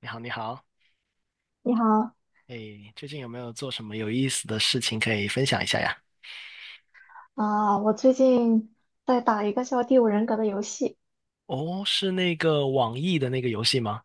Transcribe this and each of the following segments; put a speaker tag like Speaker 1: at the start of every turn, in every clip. Speaker 1: 你好，你好，
Speaker 2: 你好。
Speaker 1: 哎，最近有没有做什么有意思的事情可以分享一下呀？
Speaker 2: 我最近在打一个叫《第五人格》的游戏。
Speaker 1: 哦，是那个网易的那个游戏吗？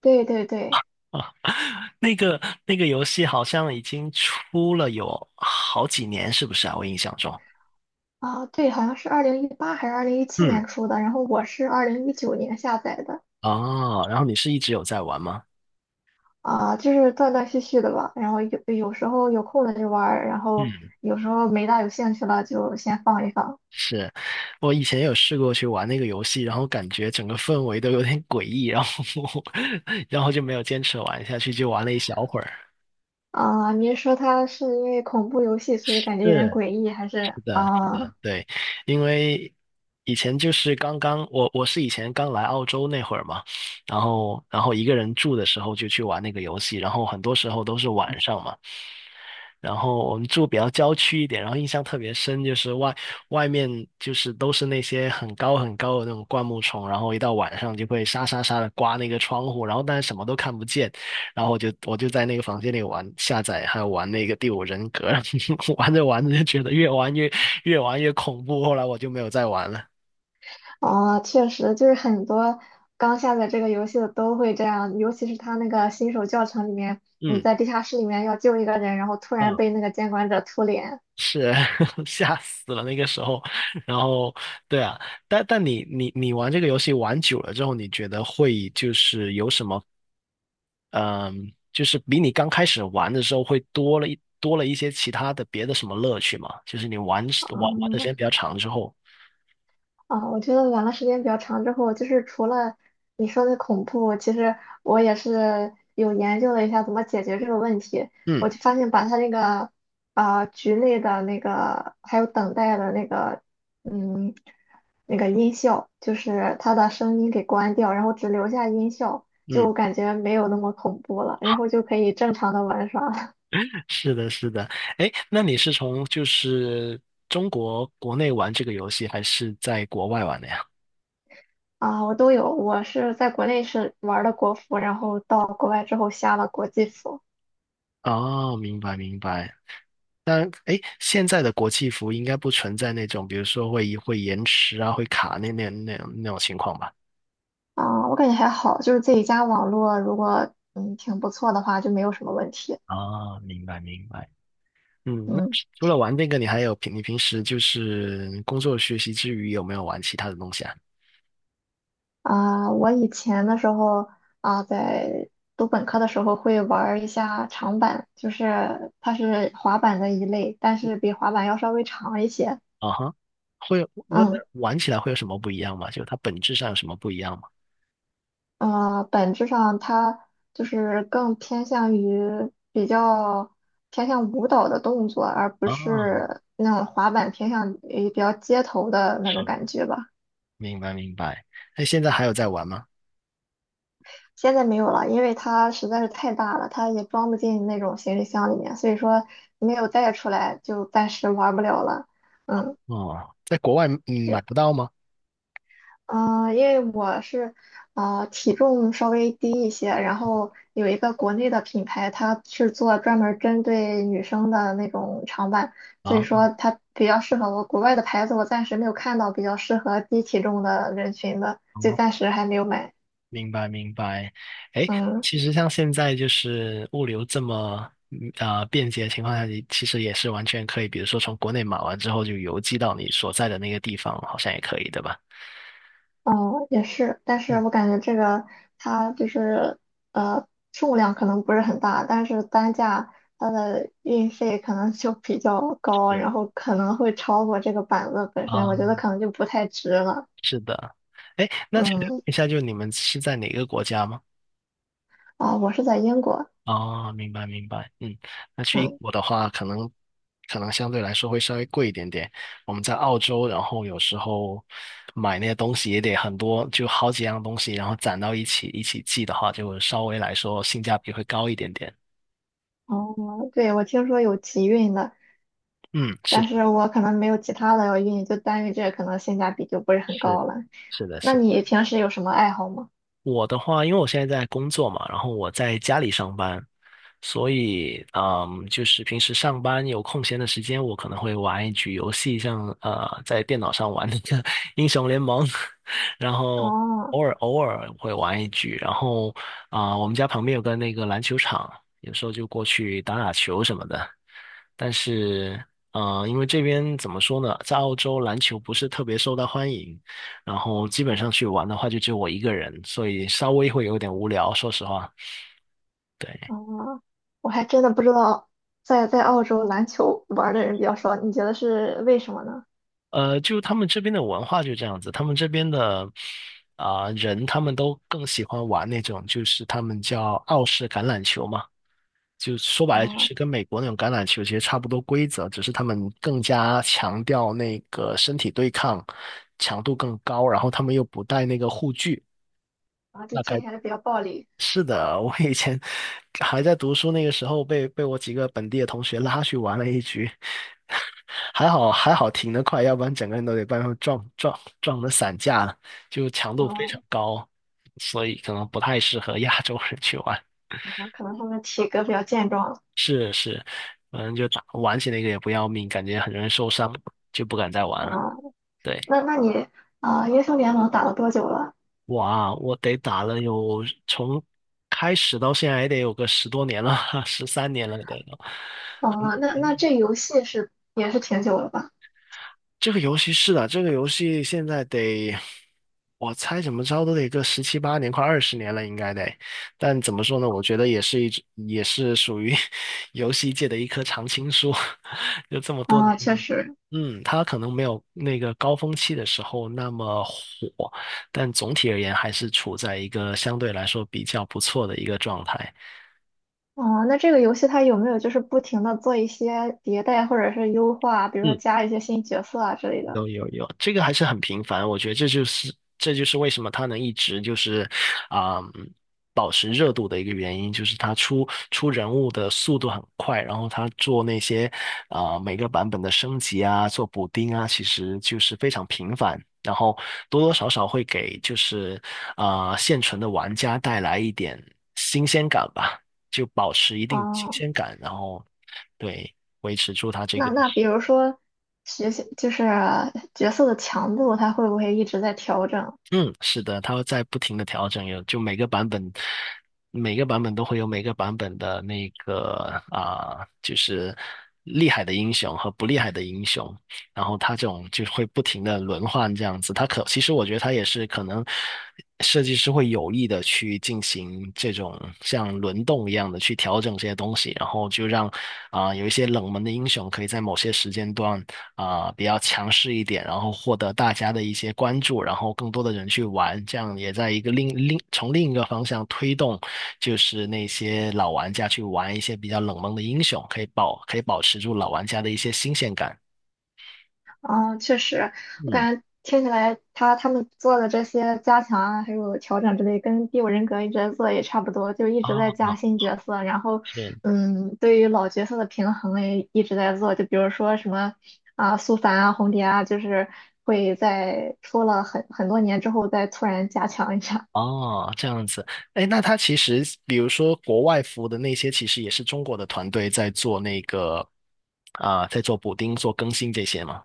Speaker 2: 对对对。
Speaker 1: 啊，那个游戏好像已经出了有好几年，是不是啊？我印象中，
Speaker 2: 对，好像是2018还是二零一七
Speaker 1: 嗯，
Speaker 2: 年出的，然后我是2019年下载的。
Speaker 1: 哦，然后你是一直有在玩吗？
Speaker 2: 就是断断续续的吧。然后有时候有空了就玩儿，然后
Speaker 1: 嗯，
Speaker 2: 有时候没大有兴趣了就先放一放。
Speaker 1: 是，我以前有试过去玩那个游戏，然后感觉整个氛围都有点诡异，然后 然后就没有坚持玩下去，就玩了一小会儿。
Speaker 2: 您说它是因为恐怖游戏，所以感觉有点
Speaker 1: 是，
Speaker 2: 诡异，还是
Speaker 1: 是的，
Speaker 2: 啊？
Speaker 1: 对，因为以前就是刚刚我是以前刚来澳洲那会儿嘛，然后一个人住的时候就去玩那个游戏，然后很多时候都是晚上嘛。然后我们住比较郊区一点，然后印象特别深，就是外面就是都是那些很高很高的那种灌木丛，然后一到晚上就会沙沙沙的刮那个窗户，然后但是什么都看不见，然后我就在那个房间里玩下载，还有玩那个《第五人格》，玩着玩着就觉得越玩越恐怖，后来我就没有再玩了。
Speaker 2: 哦，确实，就是很多刚下载这个游戏的都会这样，尤其是他那个新手教程里面，你
Speaker 1: 嗯
Speaker 2: 在地下室里面要救一个人，然后突然
Speaker 1: 嗯。
Speaker 2: 被那个监管者突脸。
Speaker 1: 是 吓死了那个时候，然后对啊，但你玩这个游戏玩久了之后，你觉得会就是有什么嗯，就是比你刚开始玩的时候会多了一些其他的别的什么乐趣吗？就是你玩玩玩的时
Speaker 2: 嗯。
Speaker 1: 间比较长之后，
Speaker 2: 我觉得玩了时间比较长之后，就是除了你说的恐怖，其实我也是有研究了一下怎么解决这个问题。
Speaker 1: 嗯
Speaker 2: 我就发现把它那个局内的那个还有等待的那个嗯那个音效，就是它的声音给关掉，然后只留下音效，
Speaker 1: 嗯，
Speaker 2: 就感觉没有那么恐怖了，然后就可以正常的玩耍了。
Speaker 1: 是的是的，哎，那你是从就是中国国内玩这个游戏，还是在国外玩的呀？
Speaker 2: 我都有，我是在国内是玩的国服，然后到国外之后下了国际服。
Speaker 1: 哦，明白明白，当然，哎，现在的国际服应该不存在那种，比如说会延迟啊，会卡那种情况吧？
Speaker 2: 我感觉还好，就是自己家网络如果挺不错的话，就没有什么问题。
Speaker 1: 啊，明白明白。嗯，那
Speaker 2: 嗯
Speaker 1: 除了玩这个，你还你平时就是工作学习之余有没有玩其他的东西啊？
Speaker 2: 我以前的时候，在读本科的时候会玩儿一下长板，就是它是滑板的一类，但是比滑板要稍微长一些。
Speaker 1: 啊哈，会有那那
Speaker 2: 嗯
Speaker 1: 玩起来会有什么不一样吗？就它本质上有什么不一样吗？
Speaker 2: 本质上它就是更偏向于比较偏向舞蹈的动作，而不
Speaker 1: 啊，
Speaker 2: 是那种滑板偏向于比较街头的那种
Speaker 1: 是，
Speaker 2: 感觉吧。
Speaker 1: 明白明白。那现在还有在玩吗？
Speaker 2: 现在没有了，因为它实在是太大了，它也装不进那种行李箱里面，所以说没有带出来，就暂时玩不了了。嗯，
Speaker 1: 哦，在国外买
Speaker 2: 对，
Speaker 1: 不到吗？
Speaker 2: 嗯、因为我是体重稍微低一些，然后有一个国内的品牌，它是做专门儿针对女生的那种长板，所以
Speaker 1: 啊。
Speaker 2: 说它比较适合我。国外的牌子我暂时没有看到比较适合低体重的人群的，就
Speaker 1: 哦。
Speaker 2: 暂时还没有买。
Speaker 1: 明白明白，哎，
Speaker 2: 嗯。
Speaker 1: 其实像现在就是物流这么便捷的情况下，你其实也是完全可以，比如说从国内买完之后就邮寄到你所在的那个地方，好像也可以，对吧？
Speaker 2: 哦，也是，但是
Speaker 1: 嗯，
Speaker 2: 我感觉这个它就是呃数量可能不是很大，但是单价它的运费可能就比较高，
Speaker 1: 是
Speaker 2: 然后可能会超过这个板子本身，
Speaker 1: 啊，
Speaker 2: 我觉得可能就不太值了。
Speaker 1: 是的。哎，那请问
Speaker 2: 嗯，
Speaker 1: 一下，就你们是在哪个国家吗？
Speaker 2: 我是在英国。
Speaker 1: 哦，明白明白，嗯，那去英
Speaker 2: 嗯。
Speaker 1: 国的话，可能相对来说会稍微贵一点点。我们在澳洲，然后有时候买那些东西也得很多，就好几样东西，然后攒到一起一起寄的话，就稍微来说性价比会高一点点。
Speaker 2: 哦，对，我听说有集运的，
Speaker 1: 嗯，是
Speaker 2: 但
Speaker 1: 的，
Speaker 2: 是我可能没有其他的要运，就单运这个可能性价比就不是很
Speaker 1: 是
Speaker 2: 高了。
Speaker 1: 是的，
Speaker 2: 那
Speaker 1: 是的。
Speaker 2: 你平时有什么爱好吗？
Speaker 1: 我的话，因为我现在在工作嘛，然后我在家里上班，所以就是平时上班有空闲的时间，我可能会玩一局游戏，像在电脑上玩那个 英雄联盟，然后
Speaker 2: 哦。
Speaker 1: 偶尔会玩一局，然后我们家旁边有个那个篮球场，有时候就过去打打球什么的。但是因为这边怎么说呢，在澳洲篮球不是特别受到欢迎，然后基本上去玩的话，就只有我一个人，所以稍微会有点无聊，说实话。对，
Speaker 2: 哦，我还真的不知道，在澳洲篮球玩儿的人比较少，你觉得是为什么呢？
Speaker 1: 就他们这边的文化就这样子，他们这边的人，他们都更喜欢玩那种，就是他们叫澳式橄榄球嘛，就说白了就
Speaker 2: 啊、
Speaker 1: 是跟美国那种橄榄球其实差不多规则，只是他们更加强调那个身体对抗，强度更高，然后他们又不带那个护具。
Speaker 2: 就
Speaker 1: 那该。
Speaker 2: 听起来比较暴力。
Speaker 1: 是的，我以前还在读书那个时候被我几个本地的同学拉去玩了一局，还好还好停得快，要不然整个人都得被他们撞得散架了，就强度非常
Speaker 2: 啊、
Speaker 1: 高，所以可能不太适合亚洲人去玩。
Speaker 2: 可能他们体格比较健壮。
Speaker 1: 是是，反正就打玩起那个也不要命，感觉很容易受伤，就不敢再玩了。
Speaker 2: 哦，
Speaker 1: 对，
Speaker 2: 那你英雄联盟打了多久了？
Speaker 1: 哇，我得打了有从开始到现在也得有个10多年了，13年了得有。
Speaker 2: 啊、那这游戏是也是挺久了吧？
Speaker 1: 这个游戏是的，这个游戏现在得，我猜怎么着都得个十七八年，快20年了，应该得。但怎么说呢？我觉得也是一直也是属于 游戏界的一棵常青树，就这么多年
Speaker 2: 确
Speaker 1: 了
Speaker 2: 实。
Speaker 1: 嗯，它可能没有那个高峰期的时候那么火，但总体而言还是处在一个相对来说比较不错的一个状态。
Speaker 2: 哦，那这个游戏它有没有就是不停的做一些迭代或者是优化，比如说
Speaker 1: 嗯。
Speaker 2: 加一些新角色啊之类的？
Speaker 1: 有有有，这个还是很频繁，我觉得这就是为什么它能一直就是嗯保持热度的一个原因，就是它出人物的速度很快，然后它做那些每个版本的升级啊，做补丁啊，其实就是非常频繁，然后多多少少会给就是现存的玩家带来一点新鲜感吧，就保持一定新
Speaker 2: 啊、
Speaker 1: 鲜感，然后对维持住它这个。
Speaker 2: 那比如说学习就是角色的强度，它会不会一直在调整？
Speaker 1: 嗯，是的，它会在不停的调整，有就每个版本，每个版本都会有每个版本的那个就是厉害的英雄和不厉害的英雄，然后它这种就会不停的轮换这样子。它可其实我觉得它也是可能设计师会有意的去进行这种像轮动一样的去调整这些东西，然后就让有一些冷门的英雄可以在某些时间段。比较强势一点，然后获得大家的一些关注，然后更多的人去玩，这样也在一个从另一个方向推动，就是那些老玩家去玩一些比较冷门的英雄，可以保持住老玩家的一些新鲜感。
Speaker 2: 确实，我
Speaker 1: 嗯，
Speaker 2: 感觉听起来他们做的这些加强啊，还有调整之类，跟《第五人格》一直在做也差不多，就一直在加
Speaker 1: 啊，
Speaker 2: 新角色，然后
Speaker 1: 是。
Speaker 2: 对于老角色的平衡也一直在做，就比如说什么啊，苏凡啊，红蝶啊，就是会在出了很多年之后再突然加强一下。
Speaker 1: 哦，这样子，哎，那他其实，比如说国外服的那些，其实也是中国的团队在做那个，在做补丁、做更新这些嘛。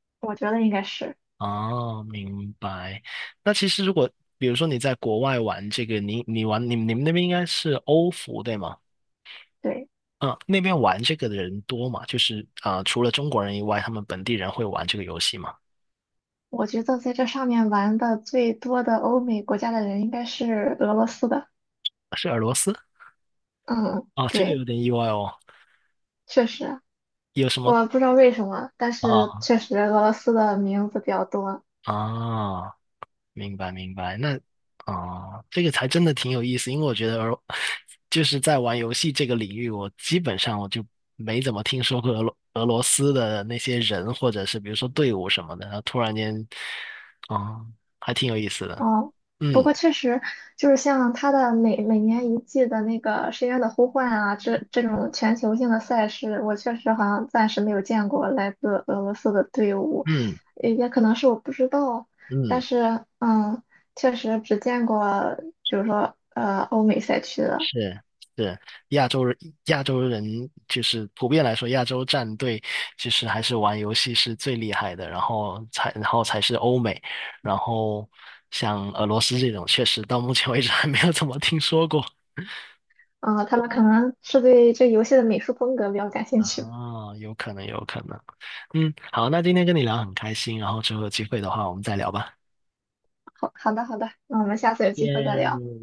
Speaker 2: 我觉得应该是
Speaker 1: 哦，明白。那其实如果比如说你在国外玩这个，你你玩你你们那边应该是欧服对吗？
Speaker 2: 对。
Speaker 1: 啊，那边玩这个的人多吗？就是啊，除了中国人以外，他们本地人会玩这个游戏吗？
Speaker 2: 我觉得在这上面玩的最多的欧美国家的人应该是俄罗斯的。
Speaker 1: 是俄罗斯？
Speaker 2: 嗯，
Speaker 1: 啊，这个
Speaker 2: 对，
Speaker 1: 有点意外哦。
Speaker 2: 确实，
Speaker 1: 有什么
Speaker 2: 我不知道为什么，但是
Speaker 1: 啊
Speaker 2: 确实俄罗斯的名字比较多。
Speaker 1: 啊？明白明白，那这个才真的挺有意思，因为我觉得就是在玩游戏这个领域，我基本上我就没怎么听说过俄罗斯的那些人，或者是比如说队伍什么的，然后突然间，啊、还挺有意思的，
Speaker 2: 哦，不
Speaker 1: 嗯
Speaker 2: 过确实就是像它的每年一季的那个《深渊的呼唤》啊，这种全球性的赛事，我确实好像暂时没有见过来自俄罗斯的队伍，
Speaker 1: 嗯
Speaker 2: 也可能是我不知道，但
Speaker 1: 嗯。
Speaker 2: 是确实只见过，比如说欧美赛区的。
Speaker 1: 是是，亚洲人亚洲人就是普遍来说，亚洲战队其实还是玩游戏是最厉害的，然后才是欧美，然后像俄罗斯这种，确实到目前为止还没有怎么听说过。
Speaker 2: 嗯，他们可能是对这游戏的美术风格比较感兴
Speaker 1: 啊，
Speaker 2: 趣吧。
Speaker 1: 有可能，有可能。嗯，好，那今天跟你聊很开心，然后之后有机会的话，我们再聊吧。
Speaker 2: 好，好的，好的，那我们下次有机会再聊。
Speaker 1: 耶